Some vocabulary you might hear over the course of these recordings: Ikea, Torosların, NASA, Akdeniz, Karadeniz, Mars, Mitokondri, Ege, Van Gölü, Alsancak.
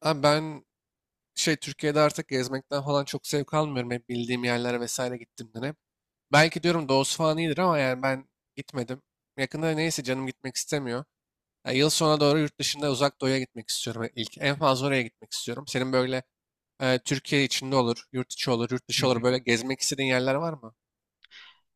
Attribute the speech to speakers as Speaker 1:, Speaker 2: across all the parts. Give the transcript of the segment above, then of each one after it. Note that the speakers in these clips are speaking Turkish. Speaker 1: Abi ben Türkiye'de artık gezmekten falan çok zevk almıyorum. Hep bildiğim yerlere vesaire gittiğimden hep. Belki diyorum doğusu falan iyidir ama yani ben gitmedim. Yakında neyse canım gitmek istemiyor. Ya yıl sonuna doğru yurt dışında uzak doğuya gitmek istiyorum ilk. En fazla oraya gitmek istiyorum. Senin böyle Türkiye içinde olur, yurt içi olur, yurt
Speaker 2: Hı
Speaker 1: dışı
Speaker 2: hı.
Speaker 1: olur. Böyle gezmek istediğin yerler var mı?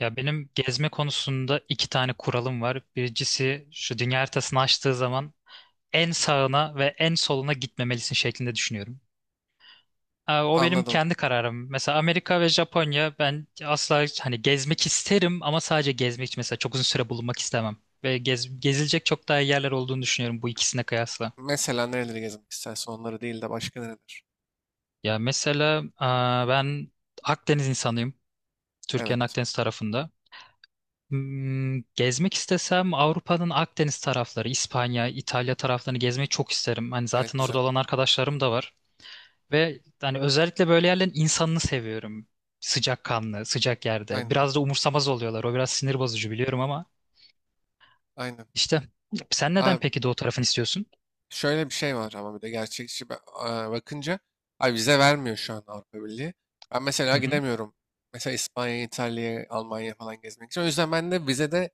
Speaker 2: Ya benim gezme konusunda iki tane kuralım var. Birincisi şu dünya haritasını açtığı zaman en sağına ve en soluna gitmemelisin şeklinde düşünüyorum. O benim
Speaker 1: Anladım.
Speaker 2: kendi kararım. Mesela Amerika ve Japonya ben asla hani gezmek isterim ama sadece gezmek için mesela çok uzun süre bulunmak istemem. Gezilecek çok daha iyi yerler olduğunu düşünüyorum bu ikisine kıyasla.
Speaker 1: Mesela nereleri gezmek istersin onları değil de başka nereler?
Speaker 2: Ya mesela ben Akdeniz insanıyım. Türkiye'nin
Speaker 1: Evet.
Speaker 2: Akdeniz tarafında. Gezmek istesem Avrupa'nın Akdeniz tarafları, İspanya, İtalya taraflarını gezmeyi çok isterim. Hani
Speaker 1: Evet
Speaker 2: zaten
Speaker 1: güzel.
Speaker 2: orada olan arkadaşlarım da var. Ve hani özellikle böyle yerlerin insanını seviyorum. Sıcakkanlı, sıcak yerde.
Speaker 1: Aynen.
Speaker 2: Biraz da umursamaz oluyorlar. O biraz sinir bozucu biliyorum ama
Speaker 1: Aynen.
Speaker 2: işte sen neden
Speaker 1: Abi
Speaker 2: peki doğu tarafını istiyorsun?
Speaker 1: şöyle bir şey var ama bir de gerçekçi bakınca ay vize vermiyor şu an Avrupa Birliği. Ben mesela
Speaker 2: Hı hı.
Speaker 1: gidemiyorum. Mesela İspanya'ya, İtalya'ya, Almanya'ya falan gezmek için. O yüzden ben de vizede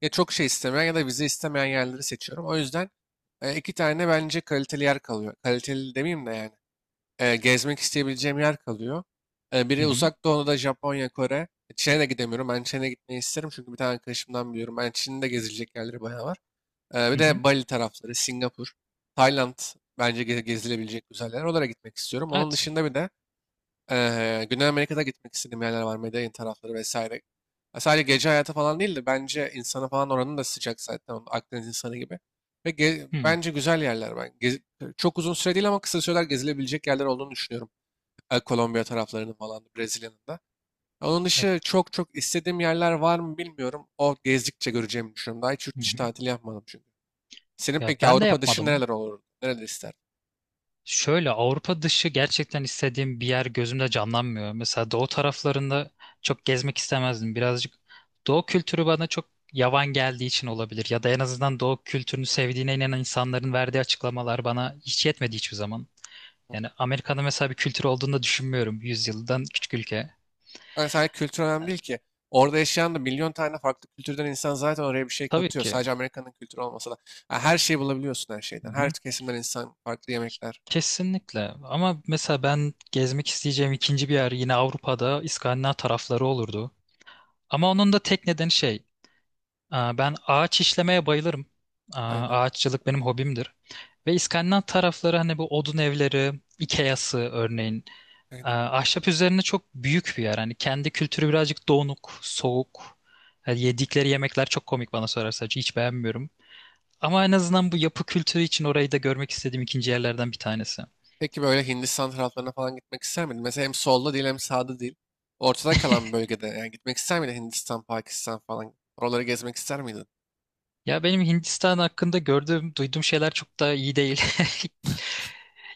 Speaker 1: ya çok şey istemeyen ya da vize istemeyen yerleri seçiyorum. O yüzden iki tane bence kaliteli yer kalıyor. Kaliteli demeyeyim de yani. Gezmek isteyebileceğim yer kalıyor. E,
Speaker 2: Hı
Speaker 1: biri
Speaker 2: hı.
Speaker 1: uzak doğuda Japonya, Kore. Çin'e de gidemiyorum. Ben Çin'e gitmeyi isterim çünkü bir tane arkadaşımdan biliyorum. Ben Çin'de gezilecek yerleri bayağı var. Ee,
Speaker 2: Hı
Speaker 1: bir
Speaker 2: hı.
Speaker 1: de Bali tarafları, Singapur, Tayland bence gezilebilecek güzel yerler. Oralara gitmek istiyorum. Onun
Speaker 2: Evet.
Speaker 1: dışında bir de Güney Amerika'da gitmek istediğim yerler var. Medellin tarafları vesaire. Ya sadece gece hayatı falan değil de bence insanı falan oranın da sıcak zaten. Onun Akdeniz insanı gibi. Ve
Speaker 2: Hı.
Speaker 1: bence güzel yerler. Ben çok uzun süre değil ama kısa süreler gezilebilecek yerler olduğunu düşünüyorum. Kolombiya taraflarının falan, da, Brezilya'nın da. Onun dışı
Speaker 2: E-
Speaker 1: çok çok istediğim yerler var mı bilmiyorum. O gezdikçe göreceğimi düşünüyorum. Daha hiç yurt
Speaker 2: Hı
Speaker 1: dışı
Speaker 2: hı.
Speaker 1: tatili yapmadım çünkü. Senin
Speaker 2: Ya
Speaker 1: peki
Speaker 2: ben de
Speaker 1: Avrupa dışı
Speaker 2: yapmadım.
Speaker 1: nereler olur? Nereleri isterdin?
Speaker 2: Şöyle Avrupa dışı gerçekten istediğim bir yer gözümde canlanmıyor. Mesela doğu taraflarında çok gezmek istemezdim. Birazcık doğu kültürü bana çok yavan geldiği için olabilir. Ya da en azından doğu kültürünü sevdiğine inanan insanların verdiği açıklamalar bana hiç yetmedi hiçbir zaman. Yani Amerika'da mesela bir kültür olduğunu da düşünmüyorum. Yüzyıldan küçük ülke.
Speaker 1: Yani sadece kültür önemli değil ki. Orada yaşayan da milyon tane farklı kültürden insan zaten oraya bir şey
Speaker 2: Tabii
Speaker 1: katıyor.
Speaker 2: ki.
Speaker 1: Sadece Amerika'nın kültürü olmasa da. Yani her şeyi bulabiliyorsun her
Speaker 2: Hı
Speaker 1: şeyden. Her
Speaker 2: hı.
Speaker 1: kesimden insan, farklı yemekler.
Speaker 2: Kesinlikle. Ama mesela ben gezmek isteyeceğim ikinci bir yer yine Avrupa'da İskandinav tarafları olurdu. Ama onun da tek nedeni şey. Ben ağaç işlemeye bayılırım.
Speaker 1: Aynen.
Speaker 2: Ağaççılık benim hobimdir. Ve İskandinav tarafları hani bu odun evleri, Ikea'sı örneğin. Aa,
Speaker 1: Aynen.
Speaker 2: Ahşap üzerine çok büyük bir yer. Hani kendi kültürü birazcık donuk, soğuk. Yani yedikleri yemekler çok komik bana sorarsan. Hiç beğenmiyorum. Ama en azından bu yapı kültürü için orayı da görmek istediğim ikinci yerlerden bir tanesi.
Speaker 1: Peki böyle Hindistan taraflarına falan gitmek ister miydin? Mesela hem solda değil hem sağda değil. Ortada kalan bir bölgede yani gitmek ister miydin Hindistan, Pakistan falan? Oraları gezmek ister miydin?
Speaker 2: Ya benim Hindistan hakkında gördüğüm, duyduğum şeyler çok da iyi değil.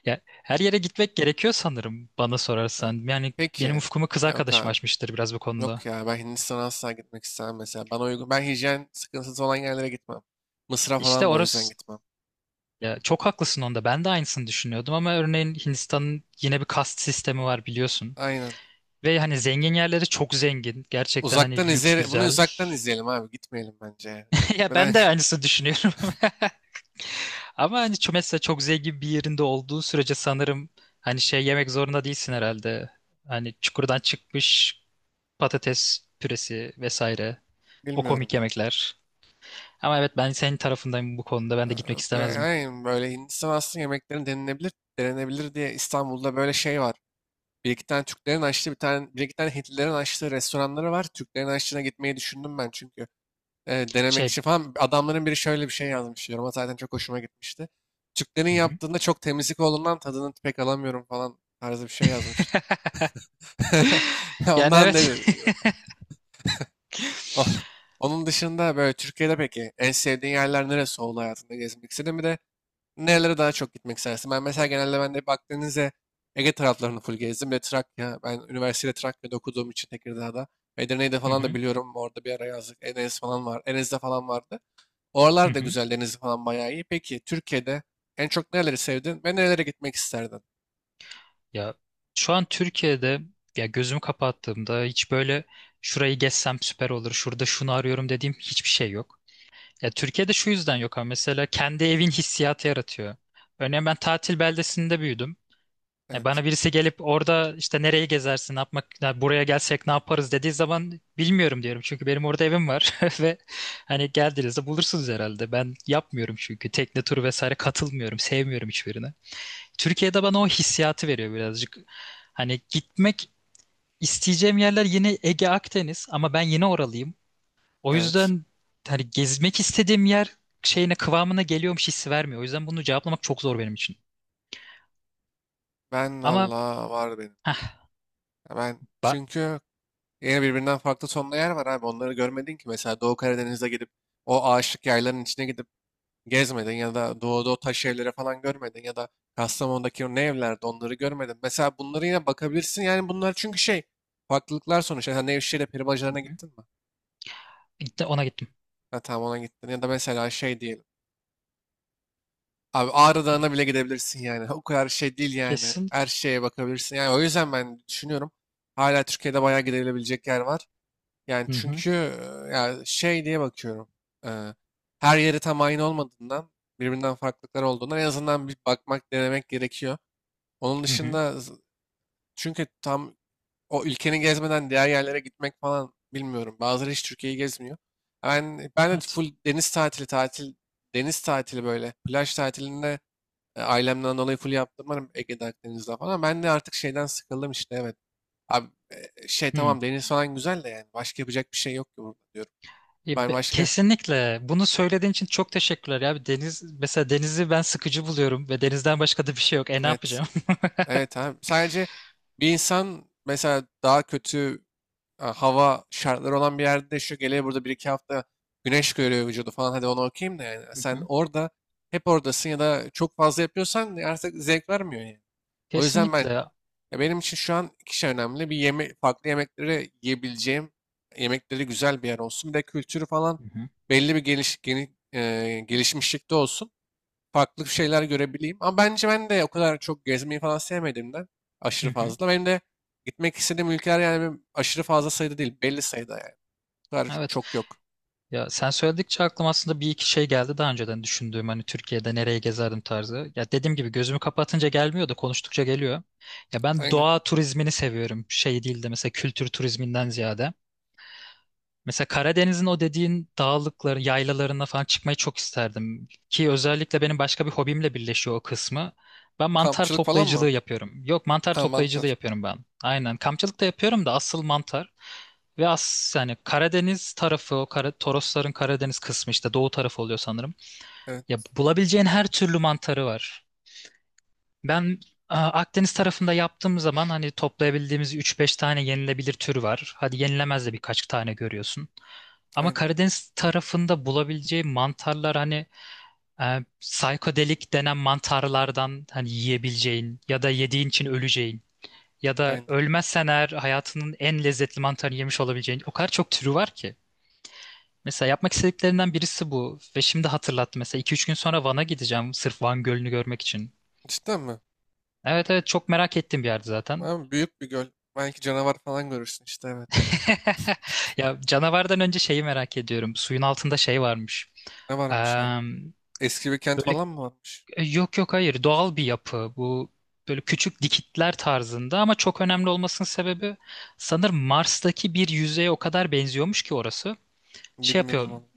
Speaker 2: Ya her yere gitmek gerekiyor sanırım bana
Speaker 1: Ha.
Speaker 2: sorarsan. Yani benim
Speaker 1: Peki.
Speaker 2: ufkumu kız
Speaker 1: Ha, yok
Speaker 2: arkadaşım
Speaker 1: abi.
Speaker 2: açmıştır biraz bu konuda.
Speaker 1: Yok ya ben Hindistan'a asla gitmek istemem mesela. Bana uygun. Ben hijyen sıkıntısı olan yerlere gitmem. Mısır'a
Speaker 2: İşte
Speaker 1: falan da o yüzden
Speaker 2: orası
Speaker 1: gitmem.
Speaker 2: ya çok haklısın onda. Ben de aynısını düşünüyordum ama örneğin Hindistan'ın yine bir kast sistemi var biliyorsun.
Speaker 1: Aynen.
Speaker 2: Ve hani zengin yerleri çok zengin. Gerçekten
Speaker 1: Uzaktan
Speaker 2: hani lüks
Speaker 1: izleyelim. Bunu
Speaker 2: güzel.
Speaker 1: uzaktan izleyelim abi. Gitmeyelim bence. Ya.
Speaker 2: Ya
Speaker 1: Gitmeden
Speaker 2: ben de aynısını düşünüyorum. Ama hani mesela çok zengin bir yerinde olduğu sürece sanırım hani şey yemek zorunda değilsin herhalde. Hani çukurdan çıkmış patates püresi vesaire. O
Speaker 1: bilmiyorum
Speaker 2: komik
Speaker 1: ya.
Speaker 2: yemekler. Ama evet ben senin tarafındayım bu konuda. Ben de
Speaker 1: Ha,
Speaker 2: gitmek
Speaker 1: yok,
Speaker 2: istemezdim.
Speaker 1: aynen böyle Hindistan aslında yemeklerin denenebilir, denenebilir diye İstanbul'da böyle şey var. Bir iki tane Türklerin açtığı bir tane, bir iki tane Hintlilerin açtığı restoranları var. Türklerin açtığına gitmeyi düşündüm ben çünkü denemek
Speaker 2: Şey
Speaker 1: için falan. Adamların biri şöyle bir şey yazmış yoruma zaten çok hoşuma gitmişti. Türklerin
Speaker 2: hı hı,
Speaker 1: yaptığında çok temizlik olduğundan tadını pek alamıyorum falan tarzı bir şey yazmıştı.
Speaker 2: yani
Speaker 1: Ondan
Speaker 2: evet.
Speaker 1: dedi. O- Onun dışında böyle Türkiye'de peki en sevdiğin yerler neresi oldu hayatında gezmek istediğin? Bir de nerelere daha çok gitmek istersin? Ben mesela genelde ben de hep Akdeniz'e, Ege taraflarını full gezdim. Bir de Trakya. Ben üniversitede Trakya'da okuduğum için Tekirdağ'da. Edirne'yi de
Speaker 2: Hı
Speaker 1: falan da
Speaker 2: hı,
Speaker 1: biliyorum. Orada bir ara yazdık. Enes falan var. Enes'de falan vardı.
Speaker 2: hı
Speaker 1: Oralar da
Speaker 2: hı.
Speaker 1: güzel, denizi falan bayağı iyi. Peki Türkiye'de en çok nereleri sevdin ve nerelere gitmek isterdin?
Speaker 2: Ya şu an Türkiye'de ya gözümü kapattığımda hiç böyle şurayı gezsem süper olur. Şurada şunu arıyorum dediğim hiçbir şey yok. Ya Türkiye'de şu yüzden yok ama mesela kendi evin hissiyatı yaratıyor. Örneğin ben tatil beldesinde büyüdüm.
Speaker 1: Evet,
Speaker 2: Bana birisi gelip orada işte nereyi gezersin, ne yapmak, ya buraya gelsek ne yaparız dediği zaman bilmiyorum diyorum. Çünkü benim orada evim var ve hani geldiğinizde bulursunuz herhalde. Ben yapmıyorum çünkü tekne turu vesaire katılmıyorum, sevmiyorum hiçbirini. Türkiye'de bana o hissiyatı veriyor birazcık. Hani gitmek isteyeceğim yerler yine Ege Akdeniz ama ben yine oralıyım. O
Speaker 1: evet.
Speaker 2: yüzden hani gezmek istediğim yer şeyine kıvamına geliyormuş hissi vermiyor. O yüzden bunu cevaplamak çok zor benim için.
Speaker 1: Ben
Speaker 2: Ama
Speaker 1: valla var benim.
Speaker 2: heh,
Speaker 1: Ya ben
Speaker 2: ba-
Speaker 1: çünkü yine birbirinden farklı tonlu yer var abi. Onları görmedin ki. Mesela Doğu Karadeniz'e gidip o ağaçlık yayların içine gidip gezmedin ya da doğuda o taş evlere falan görmedin ya da Kastamonu'daki o ne evlerde onları görmedin. Mesela bunları yine bakabilirsin. Yani bunlar çünkü şey farklılıklar sonuçta. Sen Nevşehir'e peri
Speaker 2: hı
Speaker 1: bacalarına
Speaker 2: hı.
Speaker 1: gittin mi?
Speaker 2: İşte ona gittim.
Speaker 1: Ha, tamam ona gittin. Ya da mesela şey diyelim. Abi Ağrı Dağı'na bile gidebilirsin yani. O kadar şey değil yani.
Speaker 2: Kesin.
Speaker 1: Her şeye bakabilirsin. Yani o yüzden ben düşünüyorum. Hala Türkiye'de bayağı gidilebilecek yer var. Yani
Speaker 2: Hı hı.
Speaker 1: çünkü ya şey diye bakıyorum. E, her yeri tam aynı olmadığından birbirinden farklılıklar olduğundan en azından bir bakmak, denemek gerekiyor. Onun
Speaker 2: Hı
Speaker 1: dışında
Speaker 2: hı.
Speaker 1: çünkü tam o ülkeni gezmeden diğer yerlere gitmek falan bilmiyorum. Bazıları hiç Türkiye'yi gezmiyor. Ben de
Speaker 2: Evet.
Speaker 1: full deniz tatili tatil deniz tatili böyle plaj tatilinde ailemden dolayı full yaptırmadım Ege'de Akdeniz'de falan. Ben de artık şeyden sıkıldım işte evet. Abi şey
Speaker 2: Hı.
Speaker 1: tamam deniz falan güzel de yani başka yapacak bir şey yok ki burada diyorum. Ben başka,
Speaker 2: Kesinlikle. Bunu söylediğin için çok teşekkürler ya. Bir Deniz, mesela denizi ben sıkıcı buluyorum ve denizden başka da bir şey yok. E ne
Speaker 1: evet,
Speaker 2: yapacağım?
Speaker 1: evet abi. Sadece bir insan mesela daha kötü hava şartları olan bir yerde yaşıyor. Geliyor burada bir iki hafta güneş görüyor vücudu falan. Hadi onu okuyayım da yani.
Speaker 2: Hı
Speaker 1: Sen
Speaker 2: hı.
Speaker 1: orada hep oradasın ya da çok fazla yapıyorsan artık zevk vermiyor yani. O yüzden ben
Speaker 2: Kesinlikle.
Speaker 1: ya benim için şu an iki şey önemli. Bir farklı yemekleri yiyebileceğim, yemekleri güzel bir yer olsun. Bir de kültürü falan
Speaker 2: Hı hı.
Speaker 1: belli bir gelişmişlikte olsun farklı şeyler görebileyim. Ama bence ben de o kadar çok gezmeyi falan sevmediğimden
Speaker 2: Hı
Speaker 1: aşırı
Speaker 2: hı.
Speaker 1: fazla. Benim de gitmek istediğim ülkeler yani benim aşırı fazla sayıda değil. Belli sayıda yani. O kadar
Speaker 2: Evet.
Speaker 1: çok yok.
Speaker 2: Ya sen söyledikçe aklıma aslında bir iki şey geldi daha önceden düşündüğüm hani Türkiye'de nereye gezerdim tarzı. Ya dediğim gibi gözümü kapatınca gelmiyor da konuştukça geliyor. Ya ben
Speaker 1: Aynen.
Speaker 2: doğa turizmini seviyorum. Şey değil de mesela kültür turizminden ziyade. Mesela Karadeniz'in o dediğin dağlıkları, yaylalarına falan çıkmayı çok isterdim. Ki özellikle benim başka bir hobimle birleşiyor o kısmı. Ben mantar
Speaker 1: Kampçılık falan mı?
Speaker 2: toplayıcılığı yapıyorum. Yok mantar
Speaker 1: Ha
Speaker 2: toplayıcılığı
Speaker 1: mantar.
Speaker 2: yapıyorum ben. Aynen. Kampçılık da yapıyorum da asıl mantar. Ve as Yani Karadeniz tarafı o Kara, Torosların Karadeniz kısmı işte doğu tarafı oluyor sanırım. Ya
Speaker 1: Evet.
Speaker 2: bulabileceğin her türlü mantarı var. Ben Akdeniz tarafında yaptığım zaman hani toplayabildiğimiz üç beş tane yenilebilir tür var. Hadi yenilemez de birkaç tane görüyorsun. Ama
Speaker 1: Aynen.
Speaker 2: Karadeniz tarafında bulabileceği mantarlar hani psikodelik denen mantarlardan hani yiyebileceğin ya da yediğin için öleceğin ya da
Speaker 1: Aynen.
Speaker 2: ölmezsen eğer hayatının en lezzetli mantarını yemiş olabileceğin o kadar çok türü var ki. Mesela yapmak istediklerinden birisi bu ve şimdi hatırlattı mesela iki üç gün sonra Van'a gideceğim sırf Van Gölü'nü görmek için.
Speaker 1: Cidden mi?
Speaker 2: Evet evet çok merak ettiğim bir yerdi zaten.
Speaker 1: Abi büyük bir göl. Belki canavar falan görürsün işte evet.
Speaker 2: Ya canavardan önce şeyi merak ediyorum. Suyun altında şey varmış.
Speaker 1: Ne varmış
Speaker 2: Eee,
Speaker 1: abi? Eski bir kent
Speaker 2: böyle
Speaker 1: falan mı varmış?
Speaker 2: yok yok hayır doğal bir yapı. Bu böyle küçük dikitler tarzında ama çok önemli olmasının sebebi sanırım Mars'taki bir yüzeye o kadar benziyormuş ki orası. Şey
Speaker 1: Bilmiyorum
Speaker 2: yapıyor.
Speaker 1: valla.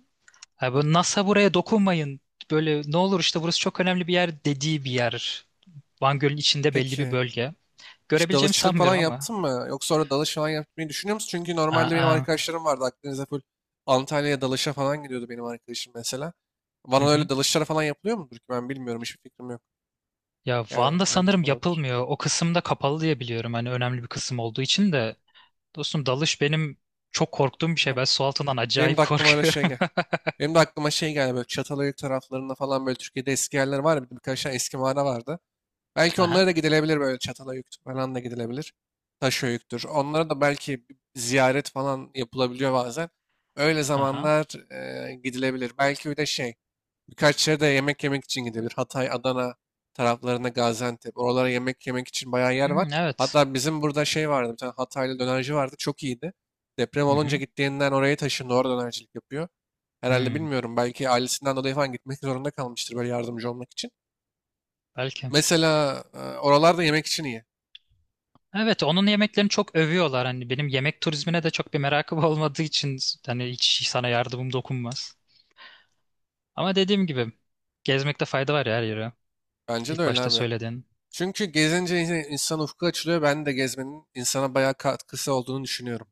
Speaker 2: "Ha,
Speaker 1: Onu-
Speaker 2: bu NASA buraya dokunmayın. Böyle ne olur işte burası çok önemli bir yer dediği bir yer. Van Gölü'nün içinde belli bir
Speaker 1: Peki.
Speaker 2: bölge.
Speaker 1: Hiç
Speaker 2: Görebileceğimi
Speaker 1: dalıççılık falan
Speaker 2: sanmıyorum ama.
Speaker 1: yaptın mı? Yoksa orada dalış falan yapmayı düşünüyor musun? Çünkü
Speaker 2: Aa,
Speaker 1: normalde benim
Speaker 2: aa.
Speaker 1: arkadaşlarım vardı Akdeniz'de full Antalya'ya dalışa falan gidiyordu benim arkadaşım mesela.
Speaker 2: Hı
Speaker 1: Bana öyle
Speaker 2: hı.
Speaker 1: dalışlara falan yapılıyor mudur ki ben bilmiyorum hiçbir fikrim yok.
Speaker 2: Ya
Speaker 1: Yani
Speaker 2: Van'da
Speaker 1: belki
Speaker 2: sanırım
Speaker 1: vardır.
Speaker 2: yapılmıyor. O kısımda kapalı diye biliyorum. Hani önemli bir kısım olduğu için de. Dostum dalış benim çok korktuğum bir şey. Ben su altından
Speaker 1: Benim de
Speaker 2: acayip
Speaker 1: aklıma öyle şey
Speaker 2: korkuyorum.
Speaker 1: gel. Benim de aklıma şey geldi böyle Çatalhöyük taraflarında falan böyle Türkiye'de eski yerler var ya bir de birkaç tane eski mağara vardı. Belki onlara
Speaker 2: Aha,
Speaker 1: da gidilebilir böyle çatala yüktür falan da gidilebilir. Taşo yüktür. Onlara da belki ziyaret falan yapılabiliyor bazen. Öyle
Speaker 2: aha.
Speaker 1: zamanlar gidilebilir. Belki bir de birkaç yere de yemek yemek için gidilebilir. Hatay, Adana taraflarına Gaziantep. Oralara yemek yemek için bayağı yer var.
Speaker 2: Hmm, evet.
Speaker 1: Hatta bizim burada şey vardı. Bir tane Hataylı dönerci vardı. Çok iyiydi. Deprem
Speaker 2: Hı
Speaker 1: olunca
Speaker 2: hı.
Speaker 1: gittiğinden oraya taşındı. Orada dönercilik yapıyor. Herhalde
Speaker 2: Hmm,
Speaker 1: bilmiyorum. Belki ailesinden dolayı falan gitmek zorunda kalmıştır böyle yardımcı olmak için.
Speaker 2: belki.
Speaker 1: Mesela oralarda yemek için iyi.
Speaker 2: Evet, onun yemeklerini çok övüyorlar. Hani benim yemek turizmine de çok bir merakım olmadığı için hani hiç sana yardımım dokunmaz. Ama dediğim gibi gezmekte fayda var ya her yere.
Speaker 1: Bence de
Speaker 2: İlk
Speaker 1: öyle
Speaker 2: başta
Speaker 1: abi.
Speaker 2: söyledin.
Speaker 1: Çünkü gezince insan ufku açılıyor. Ben de gezmenin insana bayağı katkısı olduğunu düşünüyorum.